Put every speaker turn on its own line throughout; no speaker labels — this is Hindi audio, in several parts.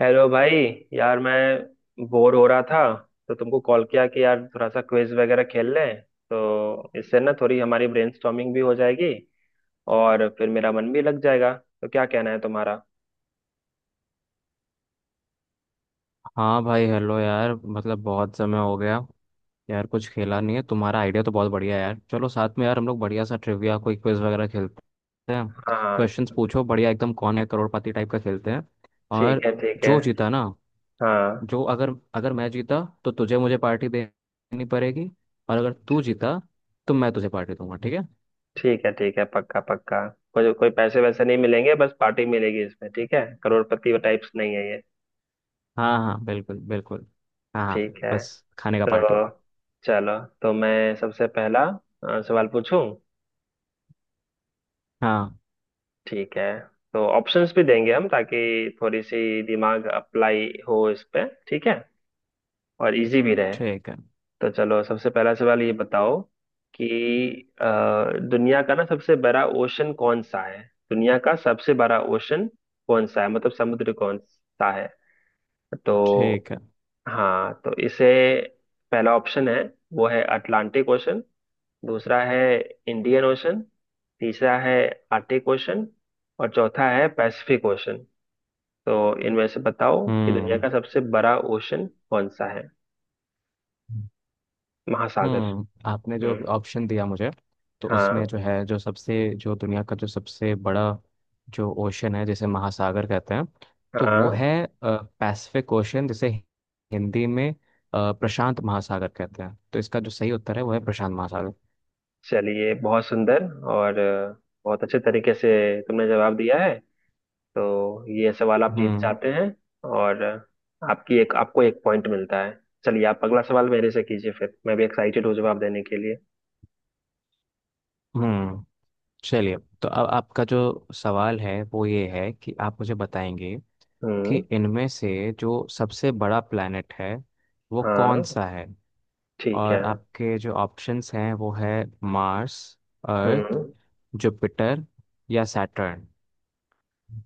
हेलो भाई। यार मैं बोर हो रहा था तो तुमको कॉल किया कि यार थोड़ा सा क्विज वगैरह खेल लें। तो इससे ना थोड़ी हमारी ब्रेनस्टॉर्मिंग भी हो जाएगी और फिर मेरा मन भी लग जाएगा। तो क्या कहना है तुम्हारा?
हाँ भाई। हेलो यार, मतलब बहुत समय हो गया यार, कुछ खेला नहीं है। तुम्हारा आइडिया तो बहुत बढ़िया है यार। चलो साथ में यार हम लोग बढ़िया सा ट्रिविया कोई क्विज वगैरह खेलते हैं।
हाँ।
क्वेश्चंस पूछो, बढ़िया एकदम कौन है करोड़पति टाइप का खेलते हैं।
ठीक
और
है, ठीक है।
जो जीता ना,
हाँ।
जो अगर अगर मैं जीता तो तुझे मुझे पार्टी देनी पड़ेगी, और अगर तू जीता तो मैं तुझे पार्टी दूंगा। ठीक है?
ठीक है, ठीक है, पक्का पक्का। कोई कोई पैसे वैसे नहीं मिलेंगे, बस पार्टी मिलेगी इसमें। ठीक है, करोड़पति टाइप्स नहीं है ये।
हाँ हाँ, बिल्कुल बिल्कुल। हाँ हाँ,
ठीक है।
बस खाने का पार्टी।
तो चलो, तो मैं सबसे पहला सवाल पूछूं।
हाँ,
ठीक है। तो ऑप्शंस भी देंगे हम, ताकि थोड़ी सी दिमाग अप्लाई हो इस पे। ठीक है। और इजी भी रहे।
ठीक है
तो चलो सबसे पहला सवाल ये बताओ कि अ, दुनिया का ना सबसे बड़ा ओशन कौन सा है? दुनिया का सबसे बड़ा ओशन कौन सा है, मतलब समुद्र कौन सा है? तो
ठीक है।
हाँ, तो इसे पहला ऑप्शन है, वो है अटलांटिक ओशन। दूसरा है इंडियन ओशन। तीसरा है आर्टिक ओशन। और चौथा है पैसिफिक ओशन। तो इनमें से बताओ कि दुनिया
हम्म।
का सबसे बड़ा ओशन कौन सा है? महासागर।
हम्म, आपने जो
हम्म।
ऑप्शन दिया मुझे, तो उसमें
हाँ।
जो दुनिया का जो सबसे बड़ा जो ओशन है जिसे महासागर कहते हैं, तो वो
हाँ।
है पैसिफिक ओशन, जिसे हिंदी में प्रशांत महासागर कहते हैं। तो इसका जो सही उत्तर है वो है प्रशांत महासागर।
चलिए, बहुत सुंदर। और बहुत अच्छे तरीके से तुमने जवाब दिया है, तो ये सवाल आप जीत
हम्म।
जाते हैं। और आपकी एक आपको एक पॉइंट मिलता है। चलिए, आप अगला सवाल मेरे से कीजिए, फिर मैं भी एक्साइटेड हूँ जवाब देने के लिए।
हम्म, चलिए। तो अब आपका जो सवाल है वो ये है कि आप मुझे बताएंगे कि
हम्म।
इनमें से जो सबसे बड़ा प्लैनेट है वो कौन
हाँ।
सा है,
ठीक है।
और आपके जो ऑप्शंस हैं वो है मार्स, अर्थ,
हम्म।
जुपिटर या सैटर्न।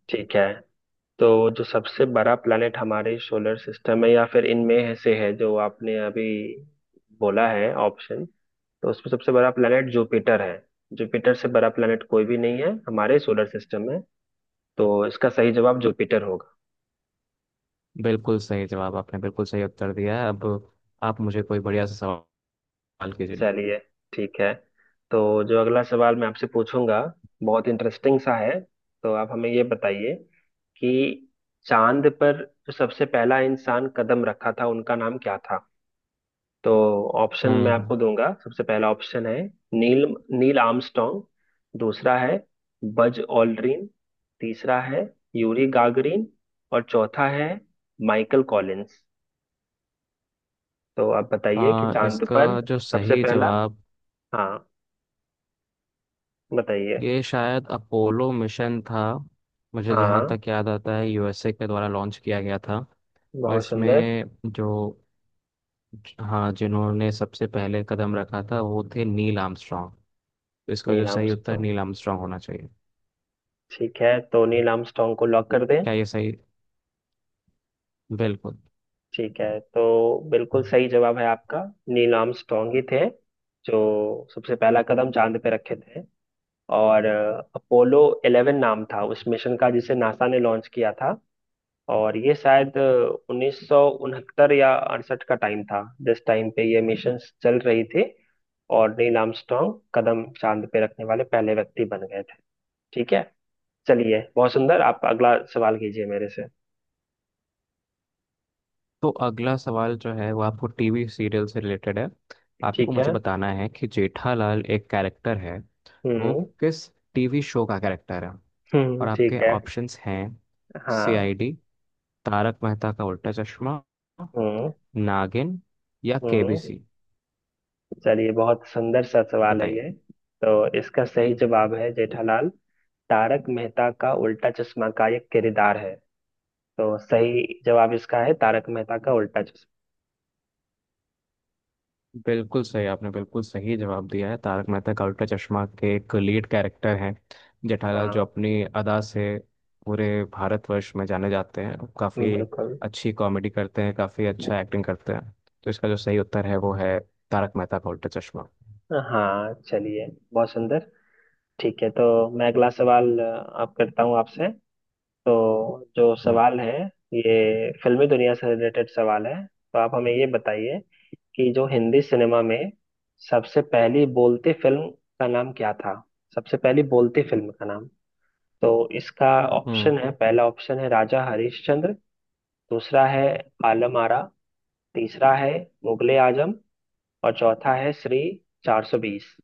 ठीक है। तो जो सबसे बड़ा प्लैनेट हमारे सोलर सिस्टम में, या फिर इनमें से है जो आपने अभी बोला है ऑप्शन, तो उसमें सबसे बड़ा प्लैनेट जुपिटर है। जुपिटर से बड़ा प्लैनेट कोई भी नहीं है हमारे सोलर सिस्टम में। तो इसका सही जवाब जुपिटर होगा।
बिल्कुल सही जवाब, आपने बिल्कुल सही उत्तर दिया है। अब आप मुझे कोई बढ़िया सा सवाल कीजिए।
चलिए। ठीक है। तो जो अगला सवाल मैं आपसे पूछूंगा, बहुत इंटरेस्टिंग सा है। तो आप हमें ये बताइए कि चांद पर जो सबसे पहला इंसान कदम रखा था, उनका नाम क्या था? तो ऑप्शन मैं
हम्म।
आपको दूंगा। सबसे पहला ऑप्शन है नील, नील आर्मस्ट्रॉन्ग। दूसरा है बज ऑल्ड्रिन। तीसरा है यूरी गागरिन। और चौथा है माइकल कॉलिंस। तो आप बताइए कि
आ,
चांद
इसका
पर
जो
सबसे
सही
पहला।
जवाब
हाँ, बताइए।
ये शायद अपोलो मिशन था, मुझे जहाँ
हाँ,
तक याद आता है यूएसए के द्वारा लॉन्च किया गया था। और
बहुत
इसमें
सुंदर।
जो, हाँ, जिन्होंने सबसे पहले कदम रखा था वो थे नील आर्मस्ट्रॉन्ग, तो इसका
नील
जो सही उत्तर
आर्मस्ट्रॉन्ग।
नील आर्मस्ट्रॉन्ग होना चाहिए।
ठीक है, तो नील आर्मस्ट्रॉन्ग को लॉक कर दें।
क्या ये सही? बिल्कुल।
ठीक है, तो बिल्कुल सही जवाब है आपका। नील आर्मस्ट्रॉन्ग ही थे जो सबसे पहला कदम चांद पे रखे थे। और अपोलो 11 नाम था उस मिशन का, जिसे नासा ने लॉन्च किया था। और ये शायद 1969 या 68 का टाइम था जिस टाइम पे ये मिशन चल रही थी। और नील आर्मस्ट्रॉन्ग कदम चांद पे रखने वाले पहले व्यक्ति बन गए थे। ठीक है। चलिए, बहुत सुंदर। आप अगला सवाल कीजिए मेरे से।
तो अगला सवाल जो है वो आपको टीवी सीरियल से रिलेटेड है। आपको
ठीक
मुझे
है।
बताना है कि जेठालाल एक कैरेक्टर है, वो
हम्म।
किस टीवी शो का कैरेक्टर है,
हम्म।
और आपके
ठीक है।
ऑप्शंस हैं
हाँ।
सीआईडी, तारक मेहता का उल्टा चश्मा,
हम्म।
नागिन या
हम्म।
केबीसी।
चलिए, बहुत सुंदर सा सवाल है
बताइए।
ये। तो इसका सही जवाब है जेठालाल तारक मेहता का उल्टा चश्मा का एक किरदार है। तो सही जवाब इसका है तारक मेहता का उल्टा चश्मा।
बिल्कुल सही, आपने बिल्कुल सही जवाब दिया है। तारक मेहता का उल्टा चश्मा के एक लीड कैरेक्टर हैं जेठालाल, जो
हाँ।
अपनी अदा से पूरे भारतवर्ष में जाने जाते हैं, काफ़ी
बिल्कुल।
अच्छी कॉमेडी करते हैं, काफ़ी अच्छा एक्टिंग करते हैं। तो इसका जो सही उत्तर है वो है तारक मेहता का उल्टा चश्मा।
हाँ। चलिए, बहुत सुंदर। ठीक है। तो मैं अगला सवाल आप करता हूँ आपसे। तो जो
हम्म।
सवाल है ये फिल्मी दुनिया से रिलेटेड सवाल है। तो आप हमें ये बताइए कि जो हिंदी सिनेमा में सबसे पहली बोलती फिल्म का नाम क्या था? सबसे पहली बोलती फिल्म का नाम। तो इसका
हम्म,
ऑप्शन है, पहला ऑप्शन है राजा हरिश्चंद्र। दूसरा है आलम आरा। तीसरा है मुगले आजम। और चौथा है श्री 420।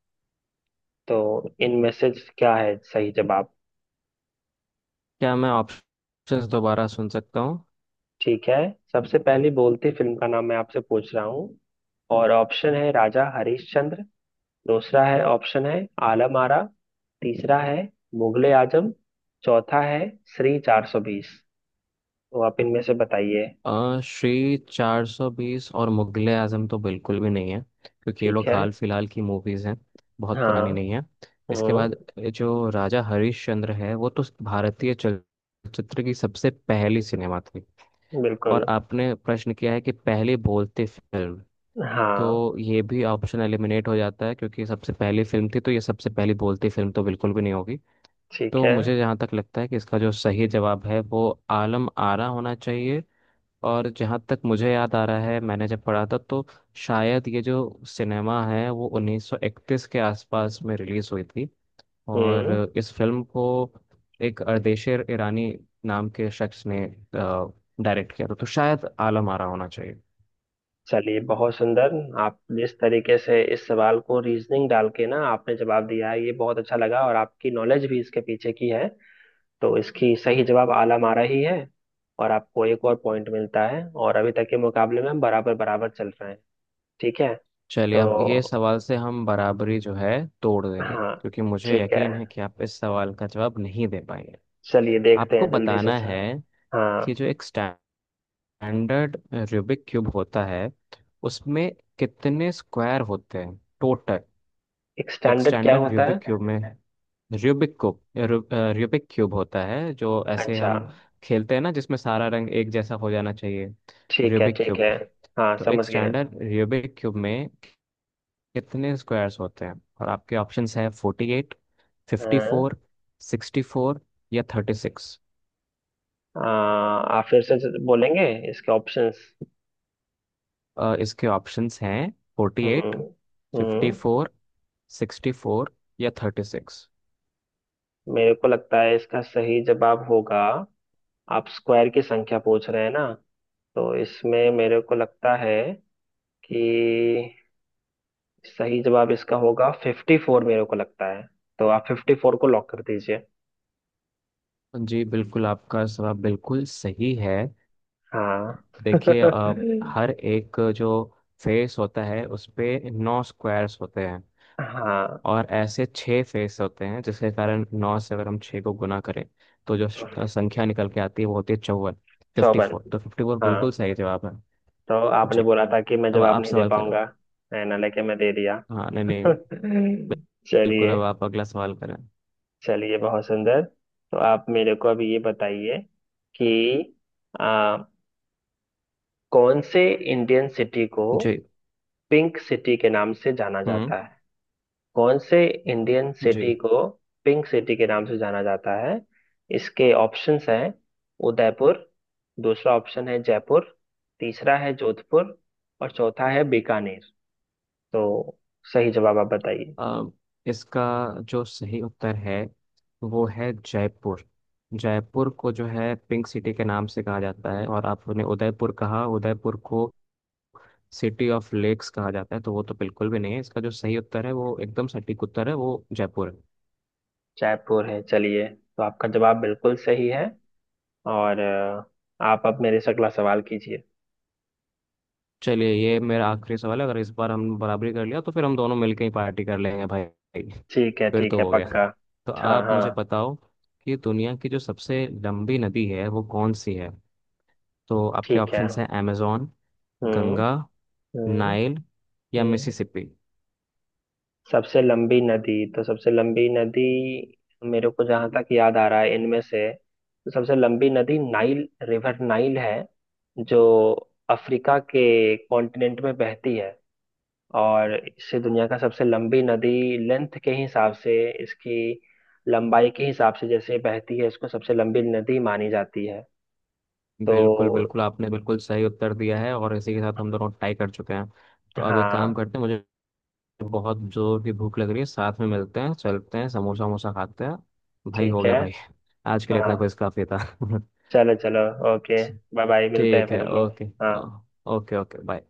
तो इनमें से क्या है सही जवाब?
क्या मैं ऑप्शंस दोबारा सुन सकता हूँ?
ठीक है। सबसे पहली बोलती फिल्म का नाम मैं आपसे पूछ रहा हूँ। और ऑप्शन है राजा हरिश्चंद्र। दूसरा है ऑप्शन है आलम आरा। तीसरा है मुगले आजम। चौथा है श्री 420। तो आप इनमें से बताइए।
श्री 420 और मुगले आजम तो बिल्कुल भी नहीं है, क्योंकि ये
ठीक
लोग
है।
हाल फिलहाल की मूवीज़ हैं, बहुत पुरानी
हाँ।
नहीं है। इसके बाद
हम्म।
जो राजा हरिश्चंद्र है वो तो भारतीय चलचित्र की सबसे पहली सिनेमा थी, और
बिल्कुल।
आपने प्रश्न किया है कि पहली बोलती फिल्म,
हाँ।
तो ये भी ऑप्शन एलिमिनेट हो जाता है क्योंकि सबसे पहली फिल्म थी तो ये सबसे पहली बोलती फिल्म तो बिल्कुल भी नहीं होगी।
ठीक
तो
है।
मुझे जहाँ तक लगता है कि इसका जो सही जवाब है वो आलम आरा होना चाहिए। और जहाँ तक मुझे याद आ रहा है, मैंने जब पढ़ा था तो शायद ये जो सिनेमा है वो 1931 के आसपास में रिलीज हुई थी।
हम्म।
और इस फिल्म को एक अर्देशीर ईरानी नाम के शख्स ने डायरेक्ट किया था, तो शायद आलम आरा होना चाहिए।
चलिए, बहुत सुंदर। आप जिस तरीके से इस सवाल को रीजनिंग डाल के ना आपने जवाब दिया है ये बहुत अच्छा लगा, और आपकी नॉलेज भी इसके पीछे की है। तो इसकी सही जवाब आला मारा ही है। और आपको एक और पॉइंट मिलता है, और अभी तक के मुकाबले में हम बराबर बराबर चल रहे हैं। ठीक है।
चलिए अब ये
तो
सवाल से हम बराबरी जो है तोड़ देंगे,
हाँ।
क्योंकि मुझे
ठीक है।
यकीन है कि आप इस सवाल का जवाब नहीं दे पाएंगे।
चलिए, देखते
आपको
हैं जल्दी से
बताना
सर।
है
हाँ।
कि जो एक स्टैंडर्ड रूबिक क्यूब होता है उसमें कितने स्क्वायर होते हैं टोटल।
एक
एक
स्टैंडर्ड क्या
स्टैंडर्ड
होता है?
रूबिक क्यूब में, रूबिक क्यूब रू, रूबिक क्यूब होता है जो ऐसे
अच्छा।
हम खेलते हैं ना, जिसमें सारा रंग एक जैसा हो जाना चाहिए।
ठीक है,
रूबिक
ठीक
क्यूब।
है। हाँ,
तो एक
समझ गए।
स्टैंडर्ड रूबिक क्यूब में कितने स्क्वायर्स होते हैं, और आपके ऑप्शंस है फोर्टी एट, फिफ्टी
हाँ।
फोर, सिक्सटी फोर या थर्टी सिक्स।
आ, आप फिर से बोलेंगे इसके ऑप्शंस?
इसके ऑप्शंस हैं 48,
hmm.
Fifty
hmm.
Four, sixty four या थर्टी सिक्स।
मेरे को लगता है इसका सही जवाब होगा। आप स्क्वायर की संख्या पूछ रहे हैं ना? तो इसमें मेरे को लगता है कि सही जवाब इसका होगा फिफ्टी फोर, मेरे को लगता है। तो आप फिफ्टी फोर को लॉक कर दीजिए।
जी बिल्कुल, आपका जवाब बिल्कुल सही है।
हाँ।
देखिए, हर एक जो फेस होता है उस पे नौ स्क्वायर्स होते हैं,
हाँ।
और ऐसे छः फेस होते हैं, जिसके कारण नौ से अगर हम छः को गुना करें तो जो संख्या निकल के आती है वो होती है 54, फिफ्टी
चौवन।
फोर। तो फिफ्टी फोर
हाँ।
बिल्कुल सही जवाब है।
तो आपने
जी,
बोला था कि मैं
अब
जवाब
आप
नहीं दे
सवाल करें।
पाऊंगा, है ना, लेके मैं दे दिया।
हाँ नहीं नहीं, बिल्कुल
चलिए।
अब आप अगला सवाल करें।
चलिए, बहुत सुंदर। तो आप मेरे को अभी ये बताइए कि आ, कौन से इंडियन सिटी को
जी।
पिंक सिटी के नाम से जाना
हम्म।
जाता है? कौन से इंडियन सिटी
जी।
को पिंक सिटी के नाम से जाना जाता है? इसके ऑप्शंस हैं उदयपुर। दूसरा ऑप्शन है जयपुर। तीसरा है जोधपुर। और चौथा है बीकानेर। तो सही जवाब आप बताइए।
अ, इसका जो सही उत्तर है वो है जयपुर। जयपुर को जो है पिंक सिटी के नाम से कहा जाता है, और आपने उदयपुर कहा, उदयपुर को सिटी ऑफ लेक्स कहा जाता है तो वो तो बिल्कुल भी नहीं है। इसका जो सही उत्तर है वो एकदम सटीक उत्तर है, वो जयपुर है।
जयपुर है। चलिए, तो आपका जवाब बिल्कुल सही है। और आप अब मेरे से अगला सवाल कीजिए।
चलिए ये मेरा आखिरी सवाल है, अगर इस बार हम बराबरी कर लिया तो फिर हम दोनों मिलके ही पार्टी कर लेंगे भाई।
ठीक है,
फिर
ठीक है,
तो हो गया।
पक्का।
तो
हाँ।
आप
हाँ।
मुझे बताओ कि दुनिया की जो सबसे लंबी नदी है वो कौन सी है, तो आपके
ठीक है।
ऑप्शंस हैं amazon,
हम्म।
गंगा,
हम्म।
नाइल या
हम्म।
मिसिसिपी।
सबसे लंबी नदी, तो सबसे लंबी नदी, मेरे को जहां तक याद आ रहा है इनमें से तो सबसे लंबी नदी नाइल रिवर, नाइल है, जो अफ्रीका के कॉन्टिनेंट में बहती है। और इसे दुनिया का सबसे लंबी नदी लेंथ के हिसाब से, इसकी लंबाई के हिसाब से जैसे बहती है, इसको सबसे लंबी नदी मानी जाती है।
बिल्कुल
तो
बिल्कुल, आपने बिल्कुल सही उत्तर दिया है, और इसी के साथ हम दोनों टाई कर चुके हैं। तो अब एक काम
हाँ।
करते हैं, मुझे बहुत जोर की भूख लग रही है, साथ में मिलते हैं, चलते हैं, समोसा वमोसा खाते हैं। भाई हो
ठीक
गया
है।
भाई, आज के लिए इतना
हाँ।
कुछ काफी था।
चलो, चलो। ओके। बाय बाय, मिलते हैं
ठीक
फिर
है,
हम लोग।
ओके।
हाँ।
Okay okay bye.